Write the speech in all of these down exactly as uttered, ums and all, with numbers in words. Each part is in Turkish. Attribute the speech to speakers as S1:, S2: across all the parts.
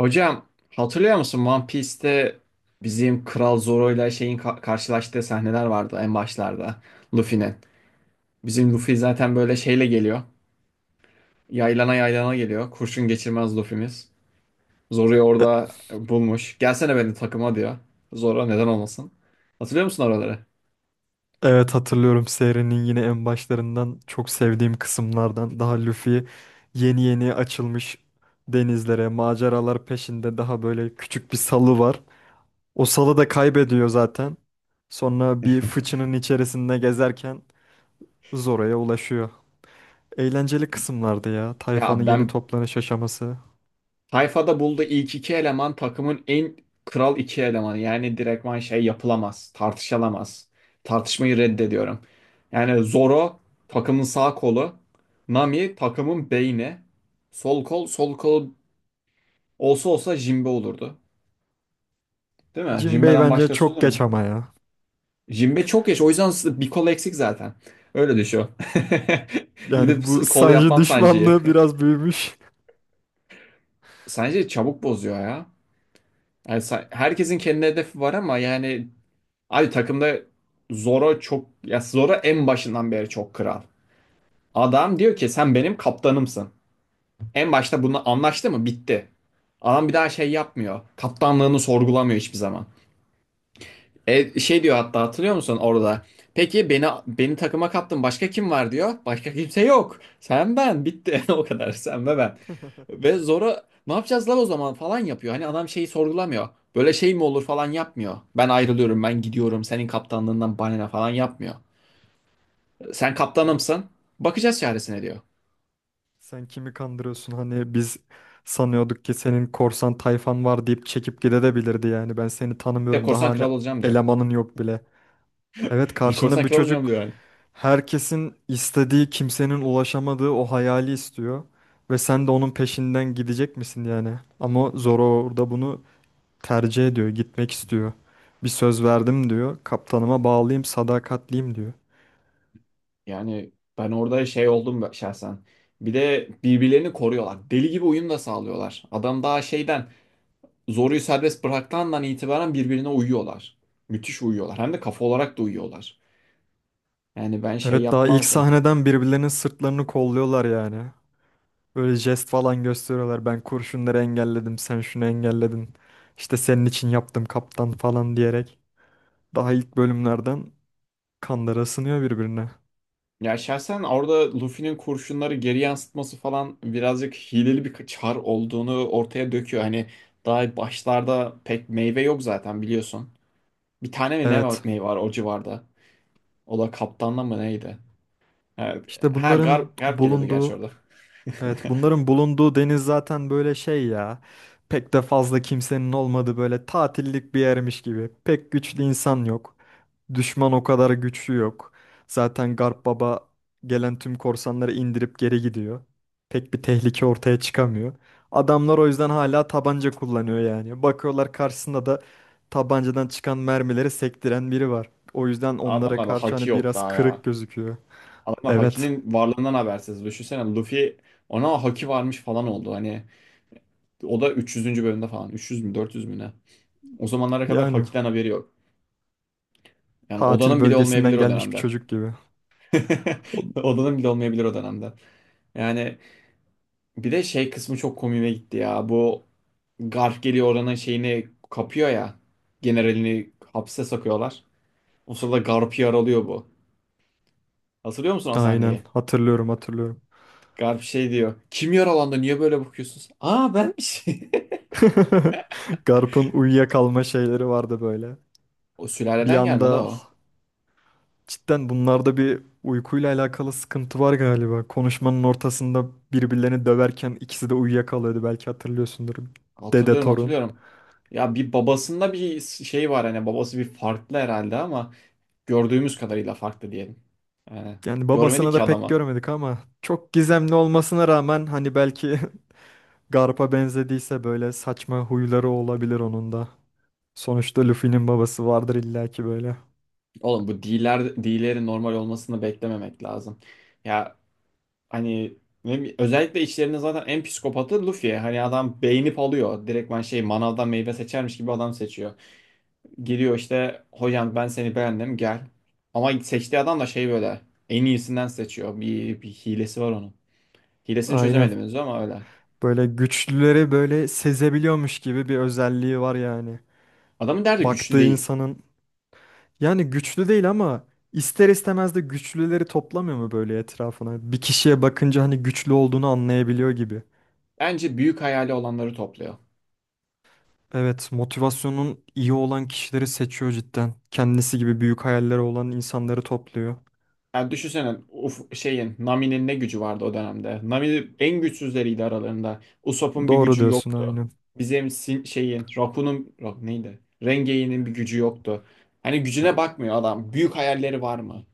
S1: Hocam, hatırlıyor musun One Piece'te bizim Kral Zoro ile şeyin ka- karşılaştığı sahneler vardı en başlarda Luffy'nin. Bizim Luffy zaten böyle şeyle geliyor. Yaylana yaylana geliyor. Kurşun geçirmez Luffy'miz. Zoro'yu
S2: E-
S1: orada e, bulmuş. Gelsene benim takıma diyor. Zoro neden olmasın. Hatırlıyor musun oraları?
S2: Evet, hatırlıyorum. Serinin yine en başlarından, çok sevdiğim kısımlardan. Daha Luffy yeni yeni açılmış denizlere, maceralar peşinde, daha böyle küçük bir salı var. O salı da kaybediyor zaten. Sonra bir fıçının içerisinde gezerken Zoro'ya ulaşıyor. Eğlenceli kısımlardı ya.
S1: Ya
S2: Tayfanın yeni
S1: ben,
S2: toplanış aşaması.
S1: Tayfa'da bulduğu ilk iki eleman takımın en kral iki elemanı. Yani direktman şey yapılamaz, tartışılamaz. Tartışmayı reddediyorum. Yani Zoro takımın sağ kolu, Nami takımın beyni, sol kol, sol kol olsa olsa Jinbe olurdu. Değil mi?
S2: Jinbei
S1: Jinbe'den
S2: bence
S1: başkası
S2: çok
S1: olur
S2: geç
S1: mu?
S2: ama ya.
S1: Jinbe çok yaş, o yüzden bir kol eksik zaten. Öyle düşün. Gidip
S2: Yani bu
S1: kol
S2: Sanji
S1: yapmam Sanji'yi.
S2: düşmanlığı biraz büyümüş.
S1: Sanji çabuk bozuyor ya. Yani Sa- herkesin kendi hedefi var ama yani abi takımda Zoro çok ya, Zoro en başından beri çok kral. Adam diyor ki sen benim kaptanımsın. En başta bunu anlaştı mı? Bitti. Adam bir daha şey yapmıyor. Kaptanlığını sorgulamıyor hiçbir zaman. E, şey diyor hatta, hatırlıyor musun orada? Peki beni beni takıma kattın. Başka kim var diyor. Başka kimse yok. Sen ben bitti. O kadar sen ve ben. Ve Zoro ne yapacağız lan o zaman falan yapıyor. Hani adam şeyi sorgulamıyor. Böyle şey mi olur falan yapmıyor. Ben ayrılıyorum,
S2: Ben
S1: ben gidiyorum. Senin kaptanlığından bana ne falan yapmıyor. Sen
S2: yani
S1: kaptanımsın. Bakacağız çaresine diyor.
S2: Sen kimi kandırıyorsun? Hani biz sanıyorduk ki senin korsan tayfan var deyip çekip gidebilirdi yani. Ben seni
S1: Bir de
S2: tanımıyorum. Daha
S1: korsan
S2: hani
S1: kral olacağım diyor.
S2: elemanın yok bile. Evet, karşında
S1: Korsan
S2: bir
S1: kral olacağım
S2: çocuk
S1: diyor yani.
S2: herkesin istediği, kimsenin ulaşamadığı o hayali istiyor. Ve sen de onun peşinden gidecek misin yani? Ama Zoro orada bunu tercih ediyor, gitmek istiyor. Bir söz verdim diyor. Kaptanıma bağlıyım, sadakatliyim diyor.
S1: Yani ben orada şey oldum, ben- şahsen. Bir de birbirlerini koruyorlar. Deli gibi uyum da sağlıyorlar. Adam daha şeyden zoruyu serbest bıraktığından itibaren birbirine uyuyorlar. Müthiş uyuyorlar. Hem de kafa olarak da uyuyorlar. Yani ben şey
S2: Evet, daha ilk
S1: yapmazdım.
S2: sahneden birbirlerinin sırtlarını kolluyorlar yani. Böyle jest falan gösteriyorlar. Ben kurşunları engelledim, sen şunu engelledin. İşte senin için yaptım kaptan falan diyerek. Daha ilk bölümlerden kanları ısınıyor birbirine.
S1: Ya şahsen orada Luffy'nin kurşunları geri yansıtması falan birazcık hileli bir çar olduğunu ortaya döküyor. Hani daha başlarda pek meyve yok zaten, biliyorsun. Bir tane mi ne
S2: Evet.
S1: örneği var o civarda? O da kaptanla mı neydi? Ha,
S2: İşte
S1: ha
S2: bunların
S1: Garp, Garp geliyordu gerçi
S2: bulunduğu
S1: orada.
S2: Evet, bunların bulunduğu deniz zaten böyle şey ya. Pek de fazla kimsenin olmadığı, böyle tatillik bir yermiş gibi. Pek güçlü insan yok. Düşman o kadar güçlü yok. Zaten
S1: İşte
S2: Garp Baba gelen tüm korsanları indirip geri gidiyor. Pek bir tehlike ortaya çıkamıyor. Adamlar o yüzden hala tabanca kullanıyor yani. Bakıyorlar, karşısında da tabancadan çıkan mermileri sektiren biri var. O yüzden onlara
S1: adamlarda
S2: karşı
S1: haki
S2: hani
S1: yok
S2: biraz
S1: daha
S2: kırık
S1: ya.
S2: gözüküyor.
S1: Adamlar
S2: Evet,
S1: hakinin varlığından habersiz. Düşünsene Luffy ona haki varmış falan oldu. Hani o da üç yüzüncü. bölümde falan. üç yüz mü dört yüz mü ne? O zamanlara kadar
S2: yani.
S1: hakiden haberi yok. Yani
S2: Tatil
S1: odanın bile
S2: bölgesinden
S1: olmayabilir o
S2: gelmiş bir
S1: dönemde.
S2: çocuk gibi. O-
S1: Odanın bile olmayabilir o dönemde. Yani bir de şey kısmı çok komiğime gitti ya. Bu Garp geliyor oranın şeyini kapıyor ya. Generalini hapse sokuyorlar. O sırada Garp'ı yaralıyor bu. Hatırlıyor musun o
S2: Aynen,
S1: sahneyi?
S2: hatırlıyorum hatırlıyorum.
S1: Garp şey diyor. Kim yaralandı? Niye böyle bakıyorsunuz? Aa, benmiş.
S2: Garp'ın uyuyakalma şeyleri vardı böyle.
S1: O
S2: Bir
S1: sülaleden gelmedi
S2: anda,
S1: o.
S2: cidden bunlarda bir uykuyla alakalı sıkıntı var galiba. Konuşmanın ortasında birbirlerini döverken ikisi de uyuyakalıyordu, belki hatırlıyorsundur. Dede
S1: Hatırlıyorum,
S2: torun.
S1: hatırlıyorum. Ya bir babasında bir şey var, hani babası bir farklı herhalde ama gördüğümüz kadarıyla farklı diyelim. Yani
S2: Yani
S1: görmedik
S2: babasını
S1: ki
S2: da pek
S1: adama.
S2: görmedik ama çok gizemli olmasına rağmen hani belki Garp'a benzediyse böyle saçma huyları olabilir onun da. Sonuçta Luffy'nin babası vardır illaki böyle.
S1: Oğlum bu dealer, dealerin normal olmasını beklememek lazım. Ya, hani ne, özellikle içlerinde zaten en psikopatı Luffy. Hani adam beğenip alıyor. Direktman şey, manavdan meyve seçermiş gibi adam seçiyor. Geliyor işte hocam, ben seni beğendim gel. Ama seçtiği adam da şey, böyle en iyisinden seçiyor. Bir, bir hilesi var onun. Hilesini
S2: Aynen.
S1: çözemedim henüz ama öyle.
S2: Böyle güçlüleri böyle sezebiliyormuş gibi bir özelliği var yani.
S1: Adamın derdi güçlü
S2: Baktığı
S1: değil.
S2: insanın yani güçlü değil ama ister istemez de güçlüleri toplamıyor mu böyle etrafına? Bir kişiye bakınca hani güçlü olduğunu anlayabiliyor gibi.
S1: Bence büyük hayali olanları topluyor.
S2: Evet, motivasyonun iyi olan kişileri seçiyor cidden. Kendisi gibi büyük hayalleri olan insanları topluyor.
S1: Yani düşünsene, uf, şeyin Nami'nin ne gücü vardı o dönemde. Nami en güçsüzleriydi aralarında. Usopp'un bir
S2: Doğru
S1: gücü yok.
S2: diyorsun, aynen.
S1: Bizim sin- şeyin Rapun'un Ra- neydi? Rengeyi'nin bir gücü yoktu. Hani gücüne bakmıyor adam. Büyük hayalleri var mı?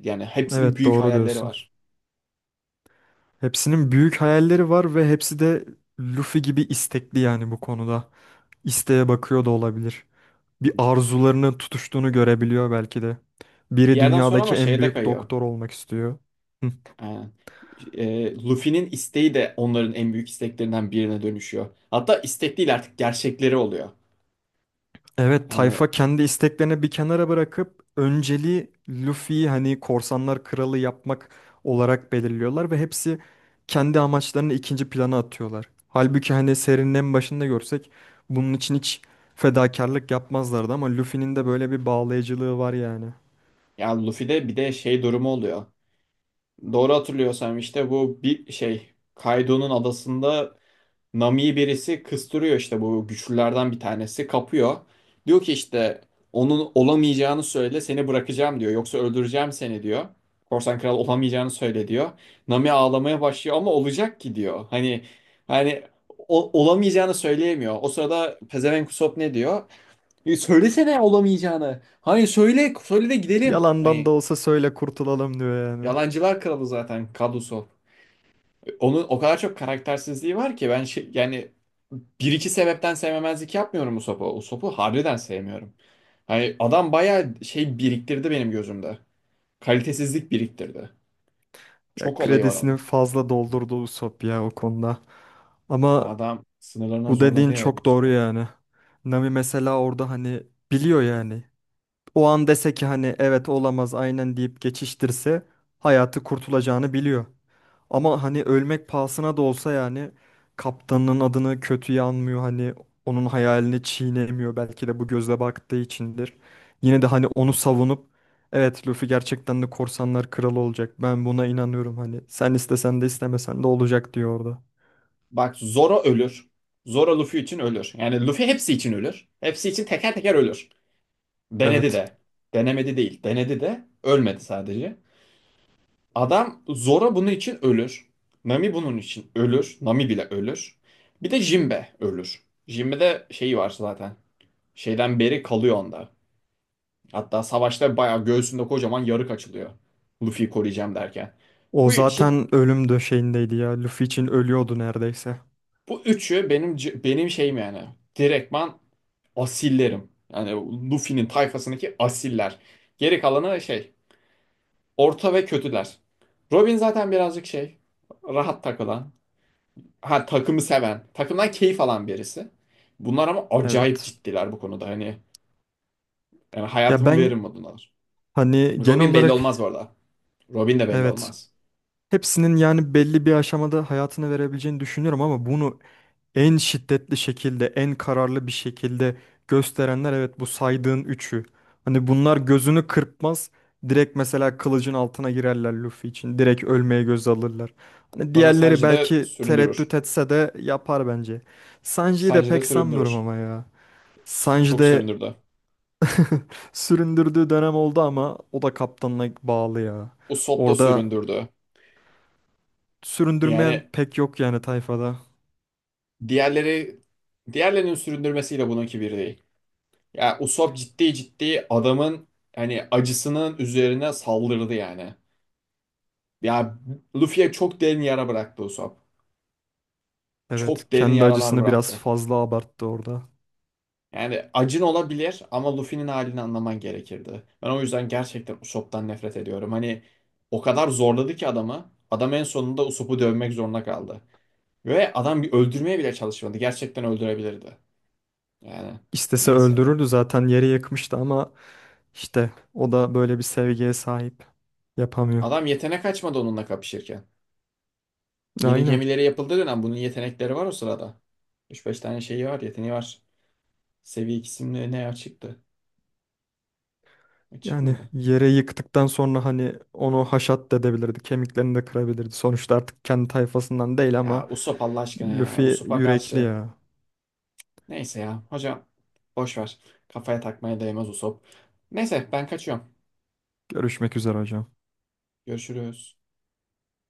S1: Yani hepsinin
S2: Evet,
S1: büyük
S2: doğru
S1: hayalleri
S2: diyorsun.
S1: var.
S2: Hepsinin büyük hayalleri var ve hepsi de Luffy gibi istekli yani bu konuda. İsteğe bakıyor da olabilir. Bir arzularının tutuştuğunu görebiliyor belki de.
S1: Bir
S2: Biri
S1: yerden sonra
S2: dünyadaki
S1: ama
S2: en
S1: şeye de
S2: büyük
S1: kayıyor.
S2: doktor olmak istiyor. Hı.
S1: Ee, e, Luffy'nin isteği de onların en büyük isteklerinden birine dönüşüyor. Hatta istek değil artık gerçekleri oluyor.
S2: Evet,
S1: Yani
S2: tayfa kendi isteklerini bir kenara bırakıp önceliği Luffy'yi hani korsanlar kralı yapmak olarak belirliyorlar ve hepsi kendi amaçlarını ikinci plana atıyorlar. Halbuki hani serinin en başında görsek bunun için hiç fedakarlık yapmazlardı ama Luffy'nin de böyle bir bağlayıcılığı var yani.
S1: yani Luffy'de bir de şey durumu oluyor. Doğru hatırlıyorsam işte bu bir şey, Kaido'nun adasında Nami'yi birisi kıstırıyor, işte bu güçlülerden bir tanesi kapıyor. Diyor ki işte onun olamayacağını söyle seni bırakacağım diyor. Yoksa öldüreceğim seni diyor. Korsan kral olamayacağını söyle diyor. Nami ağlamaya başlıyor ama olacak ki diyor. Hani hani o- olamayacağını söyleyemiyor. O sırada pezevenk Usopp ne diyor? "E, söylesene olamayacağını. Hani söyle söyle de gidelim."
S2: Yalandan da
S1: Hani
S2: olsa söyle kurtulalım diyor yani.
S1: yalancılar kralı zaten Kad Usopp. Onun o kadar çok karaktersizliği var ki ben şey, yani bir iki sebepten sevmemezlik yapmıyorum Usopp'u. Usopp'u harbiden sevmiyorum. Hani adam bayağı şey biriktirdi benim gözümde. Kalitesizlik biriktirdi.
S2: Ya,
S1: Çok olayı var
S2: kredisini
S1: onun.
S2: fazla doldurdu Usopp ya o konuda.
S1: Ya
S2: Ama
S1: adam sınırlarına
S2: bu
S1: zorladı
S2: dediğin
S1: ya beni
S2: çok
S1: bir
S2: doğru
S1: süre.
S2: yani. Nami mesela orada hani biliyor yani. O an dese ki hani evet olamaz aynen deyip geçiştirse hayatı kurtulacağını biliyor. Ama hani ölmek pahasına da olsa yani kaptanın adını kötüye anmıyor, hani onun hayalini çiğnemiyor, belki de bu gözle baktığı içindir. Yine de hani onu savunup evet Luffy gerçekten de korsanlar kralı olacak, ben buna inanıyorum, hani sen istesen de istemesen de olacak diyor orada.
S1: Bak, Zoro ölür. Zoro Luffy için ölür. Yani Luffy hepsi için ölür. Hepsi için teker teker ölür. Denedi
S2: Evet,
S1: de. Denemedi değil. Denedi de. Ölmedi sadece. Adam Zoro bunun için ölür. Nami bunun için ölür. Nami bile ölür. Bir de Jinbe ölür. Jinbe'de şeyi var zaten. Şeyden beri kalıyor onda. Hatta savaşta bayağı göğsünde kocaman yarık açılıyor. Luffy'yi koruyacağım derken.
S2: o
S1: Bu için
S2: zaten ölüm döşeğindeydi ya, Luffy için ölüyordu neredeyse.
S1: bu üçü benim c- benim şeyim yani. Direktman asillerim. Yani Luffy'nin tayfasındaki asiller. Geri kalanı şey, orta ve kötüler. Robin zaten birazcık şey, rahat takılan. Ha, takımı seven, takımdan keyif alan birisi. Bunlar ama acayip
S2: Evet
S1: ciddiler bu konuda. Hani yani
S2: ya,
S1: hayatımı
S2: ben
S1: veririm modundalar.
S2: hani genel
S1: Robin belli
S2: olarak,
S1: olmaz bu arada. Robin de belli
S2: evet,
S1: olmaz.
S2: hepsinin yani belli bir aşamada hayatını verebileceğini düşünüyorum ama bunu en şiddetli şekilde, en kararlı bir şekilde gösterenler evet bu saydığın üçü. Hani bunlar gözünü kırpmaz. Direkt mesela kılıcın altına girerler Luffy için. Direkt ölmeye göz alırlar. Hani
S1: Sonra
S2: diğerleri
S1: Sanji de
S2: belki
S1: süründürür.
S2: tereddüt etse de yapar bence. Sanji'yi de
S1: Sanji de
S2: pek sanmıyorum
S1: süründürür.
S2: ama ya.
S1: S-
S2: Sanji
S1: Çok
S2: de
S1: süründürdü.
S2: süründürdüğü dönem oldu ama o da kaptanına bağlı ya.
S1: Usopp da
S2: Orada
S1: süründürdü.
S2: süründürmeyen
S1: Yani
S2: pek yok yani tayfada.
S1: diğerleri, diğerlerinin süründürmesiyle bununki bir değil. Ya Usopp ciddi ciddi adamın hani acısının üzerine saldırdı yani. Ya, Luffy'ye çok derin yara bıraktı Usopp.
S2: Evet,
S1: Çok derin
S2: kendi
S1: yaralar
S2: acısını biraz
S1: bıraktı.
S2: fazla abarttı orada.
S1: Yani acın olabilir ama Luffy'nin halini anlaman gerekirdi. Ben o yüzden gerçekten Usopp'tan nefret ediyorum. Hani o kadar zorladı ki adamı. Adam en sonunda Usopp'u dövmek zorunda kaldı. Ve adam bir öldürmeye bile çalışmadı. Gerçekten öldürebilirdi. Yani
S2: İstese
S1: neyse ya.
S2: öldürürdü, zaten yere yakmıştı ama işte o da böyle bir sevgiye sahip, yapamıyor.
S1: Adam yetenek açmadı onunla kapışırken. Yeni
S2: Aynen.
S1: gemileri yapıldığı dönem bunun yetenekleri var o sırada. Üç beş tane şeyi var, yeteneği var. Seviye ikisinde ne açıktı? Açık
S2: Yani
S1: mıydı?
S2: yere yıktıktan sonra hani onu haşat da edebilirdi. Kemiklerini de kırabilirdi. Sonuçta artık kendi tayfasından değil
S1: Ya
S2: ama
S1: Usopp Allah aşkına ya.
S2: Luffy
S1: Usopp'a
S2: yürekli
S1: karşı.
S2: ya.
S1: Neyse ya. Hocam boş ver. Kafaya takmaya değmez Usop. Neyse ben kaçıyorum.
S2: Görüşmek üzere hocam.
S1: Görüşürüz.